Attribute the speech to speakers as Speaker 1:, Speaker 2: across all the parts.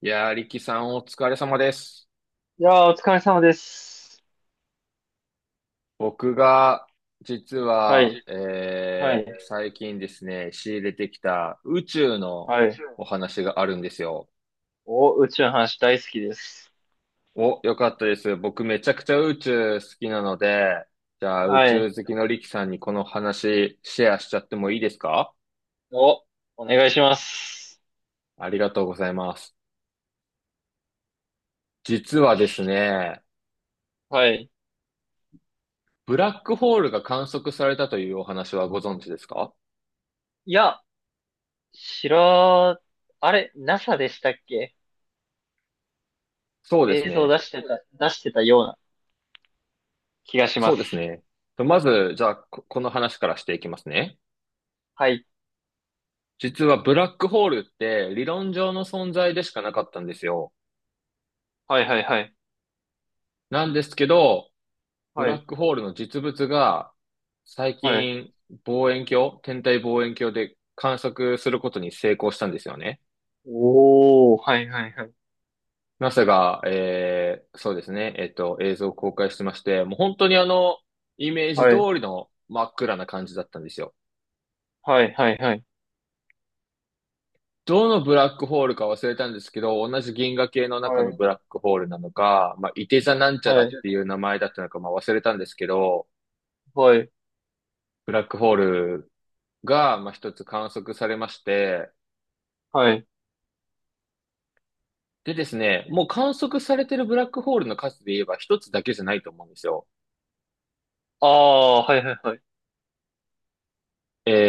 Speaker 1: いやー、力さんお疲れ様です。
Speaker 2: いやー、お疲れ様です。
Speaker 1: 僕が、実
Speaker 2: は
Speaker 1: は、
Speaker 2: い。はい。
Speaker 1: 最近ですね、仕入れてきた宇宙の
Speaker 2: はい。
Speaker 1: お話があるんですよ。
Speaker 2: お、宇宙の話大好きです。
Speaker 1: お、よかったです。僕めちゃくちゃ宇宙好きなので、じゃあ宇
Speaker 2: は
Speaker 1: 宙
Speaker 2: い。
Speaker 1: 好きの力さんにこの話シェアしちゃってもいいですか？
Speaker 2: お、お願いします。
Speaker 1: ありがとうございます。実はですね、
Speaker 2: はい。
Speaker 1: ブラックホールが観測されたというお話はご存知ですか？
Speaker 2: いや、知ら、あれ、NASA でしたっけ？
Speaker 1: そうです
Speaker 2: 映像
Speaker 1: ね。
Speaker 2: 出してた、ような気がしま
Speaker 1: そうです
Speaker 2: す。
Speaker 1: ね。とまず、じゃあ、ここの話からしていきますね。
Speaker 2: はい。
Speaker 1: 実はブラックホールって理論上の存在でしかなかったんですよ。
Speaker 2: はいはいはい。
Speaker 1: なんですけど、ブ
Speaker 2: は
Speaker 1: ラ
Speaker 2: い。
Speaker 1: ックホールの実物が最
Speaker 2: はい。
Speaker 1: 近望遠鏡、天体望遠鏡で観測することに成功したんですよね。
Speaker 2: おー、はいはいはい。
Speaker 1: NASA が、そうですね、映像を公開してまして、もう本当にあの、イメージ
Speaker 2: は
Speaker 1: 通
Speaker 2: い。
Speaker 1: りの真っ暗な感じだったんですよ。
Speaker 2: はいはいはい。
Speaker 1: どのブラックホールか忘れたんですけど、同じ銀河系の中
Speaker 2: は
Speaker 1: の
Speaker 2: い。
Speaker 1: ブラックホールなのか、まあ、いて座なんちゃら
Speaker 2: は
Speaker 1: っ
Speaker 2: い。
Speaker 1: ていう名前だったのか、まあ、忘れたんですけど、
Speaker 2: はい。
Speaker 1: ブラックホールが、まあ、一つ観測されまして、
Speaker 2: はい。
Speaker 1: でですね、もう観測されてるブラックホールの数で言えば一つだけじゃないと思うんですよ。
Speaker 2: あー、はいはいはい。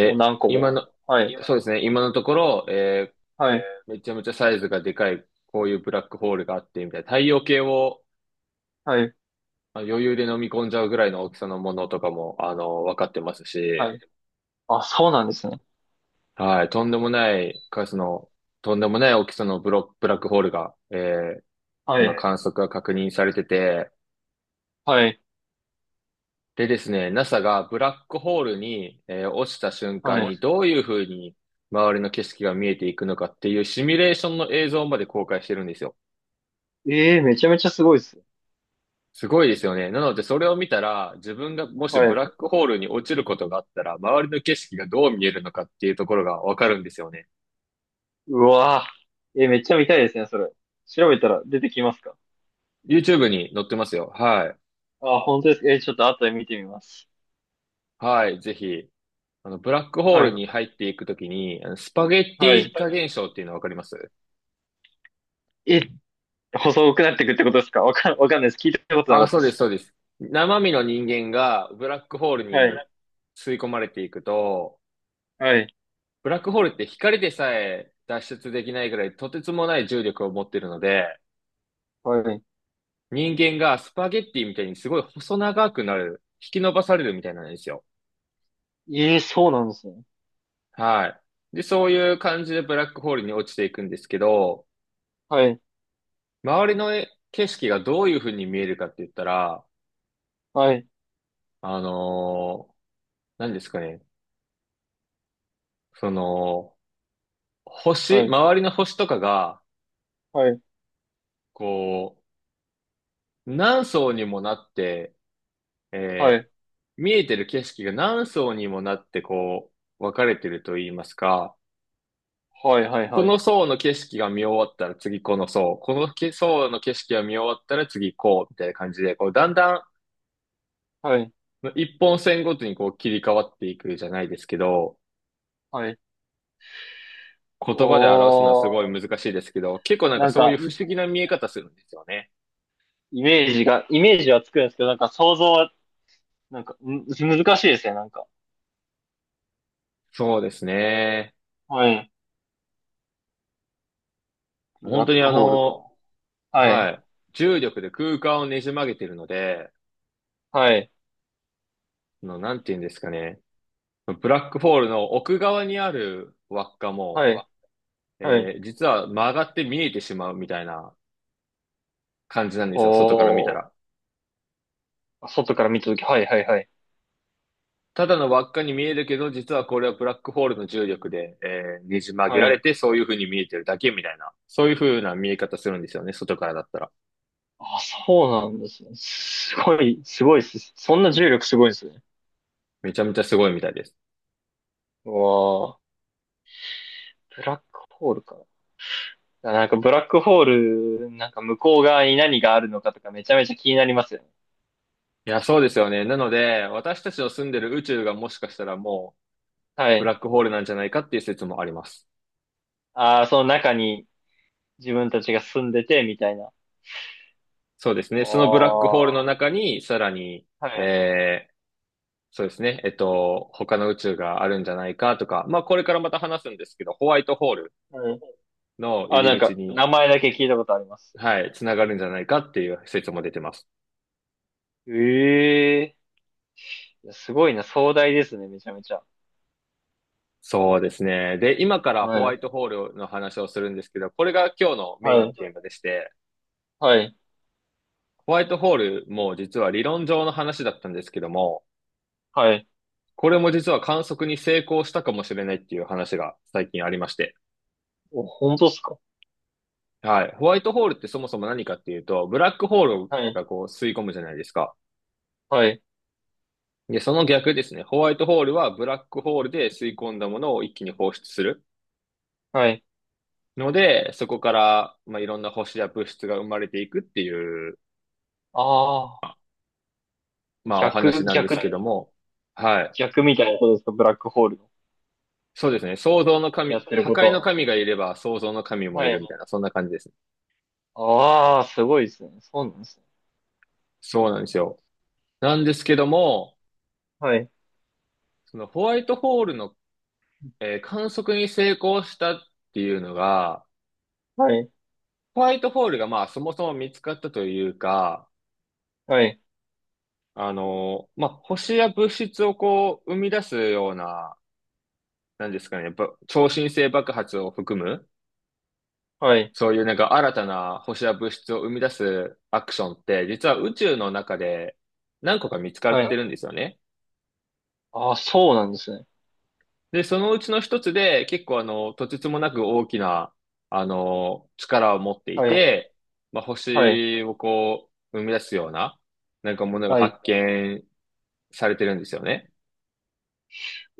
Speaker 2: もう
Speaker 1: ー
Speaker 2: 何個
Speaker 1: 今の、
Speaker 2: も。はい。は
Speaker 1: そうですね、今のところ、
Speaker 2: い。
Speaker 1: めちゃめちゃサイズがでかい、こういうブラックホールがあって、みたいな、太陽系を
Speaker 2: はい。
Speaker 1: まあ余裕で飲み込んじゃうぐらいの大きさのものとかも、あの、分かってますし、
Speaker 2: はい。あ、そうなんですね。
Speaker 1: はい、とんでもない数の、とんでもない大きさのブラックホールが、ー
Speaker 2: はい。
Speaker 1: 今
Speaker 2: え、
Speaker 1: 観測が確認されてて、
Speaker 2: はい。
Speaker 1: でですね、NASA がブラックホールに、落ちた瞬
Speaker 2: は
Speaker 1: 間
Speaker 2: もい。し、
Speaker 1: にどういうふうに周りの景色が見えていくのかっていうシミュレーションの映像まで公開してるんですよ。
Speaker 2: ええ、めちゃめちゃすごいですね。
Speaker 1: すごいですよね。なのでそれを見たら、自分がもし
Speaker 2: は
Speaker 1: ブ
Speaker 2: い。
Speaker 1: ラックホールに落ちることがあったら、周りの景色がどう見えるのかっていうところがわかるんですよね。
Speaker 2: うわぁ。えー、めっちゃ見たいですね、それ。調べたら出てきますか？
Speaker 1: YouTube に載ってますよ。はい。
Speaker 2: あ、本当ですか。えー、ちょっと後で見てみます。
Speaker 1: はい、ぜひ。あの、ブラックホー
Speaker 2: は
Speaker 1: ル
Speaker 2: い。
Speaker 1: に入っていくときに、あのスパゲッテ
Speaker 2: はい。
Speaker 1: ィ化現象っていうのわかります？
Speaker 2: え、細くなっていくってことですか？わかんないです。聞いたことなか
Speaker 1: あ、
Speaker 2: った
Speaker 1: そ
Speaker 2: で
Speaker 1: うです、
Speaker 2: す。
Speaker 1: そうです。生身の人間がブラックホール
Speaker 2: はい。
Speaker 1: に吸い込まれていくと、
Speaker 2: はい。
Speaker 1: ブラックホールって光でさえ脱出できないぐらいとてつもない重力を持っているので、
Speaker 2: はい。
Speaker 1: 人間がスパゲッティみたいにすごい細長くなる、引き伸ばされるみたいなんですよ。
Speaker 2: ええ、そうなんですね。
Speaker 1: はい。で、そういう感じでブラックホールに落ちていくんですけど、
Speaker 2: はい。
Speaker 1: 周りの景色がどういう風に見えるかって言ったら、
Speaker 2: はい。
Speaker 1: あのー何ですかね。その、星、
Speaker 2: はい。
Speaker 1: 周りの星とかが、
Speaker 2: はい。
Speaker 1: こう、何層にもなって、
Speaker 2: は
Speaker 1: えー
Speaker 2: い。
Speaker 1: 見えてる景色が何層にもなって、こう、分かれてると言いますか、
Speaker 2: はい。はい。
Speaker 1: こ
Speaker 2: はい。
Speaker 1: の層の景色が見終わったら次この層、このけ層の景色が見終わったら次こう、みたいな感じで、こう、だんだん
Speaker 2: はい。
Speaker 1: 一本線ごとにこう切り替わっていくじゃないですけど、
Speaker 2: はい。
Speaker 1: 言葉で表すのはすごい
Speaker 2: おー。
Speaker 1: 難しいですけど、結構なんか
Speaker 2: なん
Speaker 1: そうい
Speaker 2: か、
Speaker 1: う不思議な見え方するんですよね。
Speaker 2: イメージはつくんですけど、なんか想像難しいですね、なんか。
Speaker 1: そうですね。
Speaker 2: はい。ブ
Speaker 1: 本
Speaker 2: ラ
Speaker 1: 当
Speaker 2: ッ
Speaker 1: に
Speaker 2: ク
Speaker 1: あ
Speaker 2: ホールか。
Speaker 1: の、
Speaker 2: は
Speaker 1: は
Speaker 2: い。
Speaker 1: い。重力で空間をねじ曲げてるので、
Speaker 2: はい。
Speaker 1: あの、なんて言うんですかね。ブラックホールの奥側にある輪っか
Speaker 2: は
Speaker 1: も、
Speaker 2: い。はい。
Speaker 1: 実は曲がって見えてしまうみたいな感じなんです
Speaker 2: ほ
Speaker 1: よ。外から見たら。
Speaker 2: う、外から見たとき、はい、はい、はい。
Speaker 1: ただの輪っかに見えるけど、実はこれはブラックホールの重力で、ねじ曲げ
Speaker 2: は
Speaker 1: られ
Speaker 2: い。
Speaker 1: て、そういう風に見えてるだけみたいな。そういう風な見え方するんですよね。外からだったら。
Speaker 2: あ、そうなんですね。すごいっす。そんな重力すごいですね。
Speaker 1: めちゃめちゃすごいみたいです。
Speaker 2: うわあ、ブラックホールか。いや、なんかブラックホール、なんか向こう側に何があるのかとかめちゃめちゃ気になりますよね。
Speaker 1: いや、そうですよね。なので、私たちの住んでる宇宙がもしかしたらもう、
Speaker 2: は
Speaker 1: ブラ
Speaker 2: い。
Speaker 1: ックホールなんじゃないかっていう説もあります。
Speaker 2: ああ、その中に自分たちが住んでて、みたいな。
Speaker 1: そうですね。
Speaker 2: あ
Speaker 1: そのブラックホール
Speaker 2: あ、
Speaker 1: の
Speaker 2: は
Speaker 1: 中に、さらに、
Speaker 2: い。
Speaker 1: えー、そうですね。他の宇宙があるんじゃないかとか、まあ、これからまた話すんですけど、ホワイトホール
Speaker 2: はい。
Speaker 1: の
Speaker 2: あ、
Speaker 1: 入り
Speaker 2: なん
Speaker 1: 口
Speaker 2: か、
Speaker 1: に、
Speaker 2: 名前だけ聞いたことあります。
Speaker 1: はい、つながるんじゃないかっていう説も出てます。
Speaker 2: え、えーすごいな、壮大ですね、めちゃめちゃ。
Speaker 1: そうですね。で、今からホ
Speaker 2: は
Speaker 1: ワイ
Speaker 2: い。
Speaker 1: トホールの話をするんですけど、これが今日のメイン
Speaker 2: は
Speaker 1: の
Speaker 2: い。
Speaker 1: テーマでして、
Speaker 2: はい。
Speaker 1: ホワイトホールも実は理論上の話だったんですけども、
Speaker 2: はい。
Speaker 1: これも実は観測に成功したかもしれないっていう話が最近ありまして、
Speaker 2: お、本当っすか？
Speaker 1: はい。ホワイトホールってそもそも何かっていうと、ブラックホール
Speaker 2: はい。
Speaker 1: がこう吸い込むじゃないですか。
Speaker 2: はい。
Speaker 1: で、その逆ですね。ホワイトホールはブラックホールで吸い込んだものを一気に放出する。
Speaker 2: はい。
Speaker 1: ので、そこから、まあ、いろんな星や物質が生まれていくっていう、
Speaker 2: ああ、
Speaker 1: まあ、お話
Speaker 2: 逆、
Speaker 1: なん
Speaker 2: 逆、
Speaker 1: ですけども。はい。
Speaker 2: 逆みたいなことですか、ブラックホールの。
Speaker 1: そうですね。創造の
Speaker 2: やっ
Speaker 1: 神、
Speaker 2: てる
Speaker 1: 破
Speaker 2: こ
Speaker 1: 壊の
Speaker 2: と
Speaker 1: 神がいれば創造の神
Speaker 2: は。
Speaker 1: も
Speaker 2: は
Speaker 1: いる
Speaker 2: い。
Speaker 1: みたいな、そんな感じですね。
Speaker 2: ああ、すごいですね。そうなんですね。
Speaker 1: そうなんですよ。なんですけども、
Speaker 2: はい。
Speaker 1: そのホワイトホールの、観測に成功したっていうのが、
Speaker 2: はい。
Speaker 1: ホワイトホールがまあそもそも見つかったというか、
Speaker 2: はい。
Speaker 1: あの、まあ星や物質をこう生み出すような、なんですかね、やっぱ超新星爆発を含む、
Speaker 2: はい。
Speaker 1: そういうなんか新たな星や物質を生み出すアクションって、実は宇宙の中で何個か見つか
Speaker 2: は
Speaker 1: って
Speaker 2: い。
Speaker 1: るんですよね。
Speaker 2: ああ、そうなんですね。
Speaker 1: で、そのうちの一つで、結構あの、とてつもなく大きな、あの、力を持ってい
Speaker 2: はい。
Speaker 1: て、まあ、
Speaker 2: はい。
Speaker 1: 星をこう、生み出すような、なんかものが
Speaker 2: はい。
Speaker 1: 発見されてるんですよね。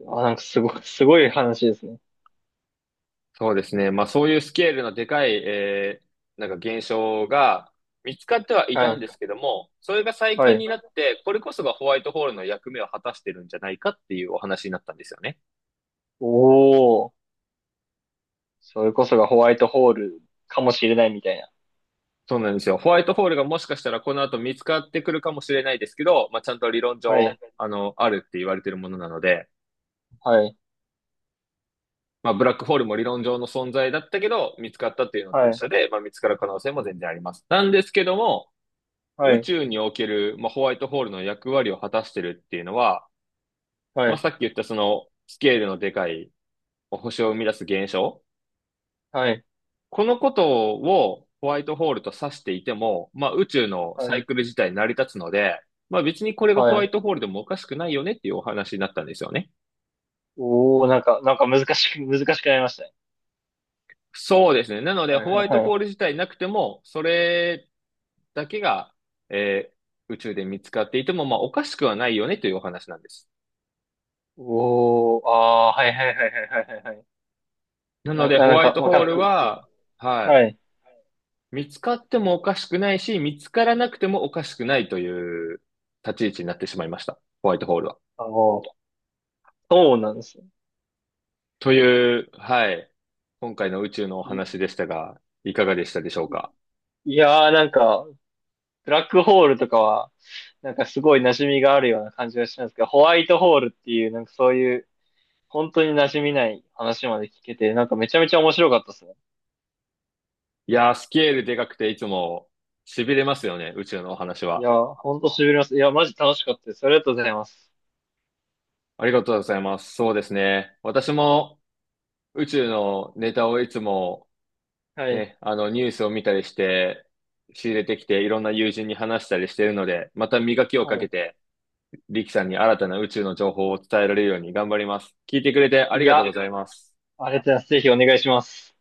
Speaker 2: あ、なんか、すごい、すごい話ですね。
Speaker 1: そうですね。まあ、そういうスケールのでかい、なんか現象が見つかってはい
Speaker 2: は
Speaker 1: たん
Speaker 2: い。
Speaker 1: ですけども、それが最
Speaker 2: は
Speaker 1: 近
Speaker 2: い。
Speaker 1: になって、これこそがホワイトホールの役目を果たしてるんじゃないかっていうお話になったんですよね。
Speaker 2: おお。それこそがホワイトホールかもしれないみたいな。
Speaker 1: そうなんですよ。ホワイトホールがもしかしたらこの後見つかってくるかもしれないですけど、まあ、ちゃんと理論
Speaker 2: は
Speaker 1: 上、
Speaker 2: い、
Speaker 1: あの、あるって言われてるものなので、
Speaker 2: はい。
Speaker 1: まあ、ブラックホールも理論上の存在だったけど、見つかったっていうのと
Speaker 2: は
Speaker 1: 一
Speaker 2: い、
Speaker 1: 緒で、まあ、見つかる可能性も全然あります。なんですけども、
Speaker 2: は
Speaker 1: 宇
Speaker 2: い、
Speaker 1: 宙における、まあ、ホワイトホールの役割を果たしてるっていうのは、
Speaker 2: は
Speaker 1: まあ、
Speaker 2: い。
Speaker 1: さっき言ったそのスケールのでかい星を生み出す現象
Speaker 2: はい。
Speaker 1: このことをホワイトホールと指していても、まあ宇宙の
Speaker 2: は
Speaker 1: サイ
Speaker 2: い、
Speaker 1: クル自体成り立つので、まあ別にこれがホ
Speaker 2: は
Speaker 1: ワイ
Speaker 2: い。
Speaker 1: トホールでもおかしくないよねっていうお話になったんですよね。
Speaker 2: おお、なんか、難しくなりましたね。
Speaker 1: そうですね。なので
Speaker 2: はい、は
Speaker 1: ホ
Speaker 2: い
Speaker 1: ワイト
Speaker 2: は
Speaker 1: ホー
Speaker 2: い。
Speaker 1: ル自体なくても、それだけが、えー宇宙で見つかっていても、まあおかしくはないよねというお話なんです。
Speaker 2: おお、ああー、はいはいはいはいはいはい。
Speaker 1: なのでホ
Speaker 2: なん
Speaker 1: ワイ
Speaker 2: か、
Speaker 1: ト
Speaker 2: わか
Speaker 1: ホ
Speaker 2: っ
Speaker 1: ー
Speaker 2: てき
Speaker 1: ル
Speaker 2: てる。
Speaker 1: は、は
Speaker 2: はい、
Speaker 1: い、見つかってもおかしくないし、見つからなくてもおかしくないという立ち位置になってしまいました。ホワイトホールは。
Speaker 2: あの、そうなんですよ。
Speaker 1: という、はい。今回の宇宙のお
Speaker 2: い、
Speaker 1: 話でしたが、いかがでしたでしょうか？
Speaker 2: いやー、なんか、ブラックホールとかは、なんかすごい馴染みがあるような感じがしますけど、ホワイトホールっていう、なんかそういう、本当に馴染みない話まで聞けて、なんかめちゃめちゃ面白かったですね。
Speaker 1: いやー、スケールでかくていつも痺れますよね、宇宙のお話
Speaker 2: いや、
Speaker 1: は。
Speaker 2: ほんと痺れます。いや、マジ楽しかったです。ありがとうございます。
Speaker 1: ありがとうございます。そうですね。私も宇宙のネタをいつも
Speaker 2: はい。
Speaker 1: ね、あのニュースを見たりして、仕入れてきていろんな友人に話したりしているので、また磨きを
Speaker 2: は
Speaker 1: かけ
Speaker 2: い。
Speaker 1: て、リキさんに新たな宇宙の情報を伝えられるように頑張ります。聞いてくれてあ
Speaker 2: い
Speaker 1: りが
Speaker 2: や、
Speaker 1: とう
Speaker 2: あり
Speaker 1: ご
Speaker 2: が
Speaker 1: ざ
Speaker 2: と
Speaker 1: い
Speaker 2: う
Speaker 1: ます。
Speaker 2: ございます。ぜひお願いします。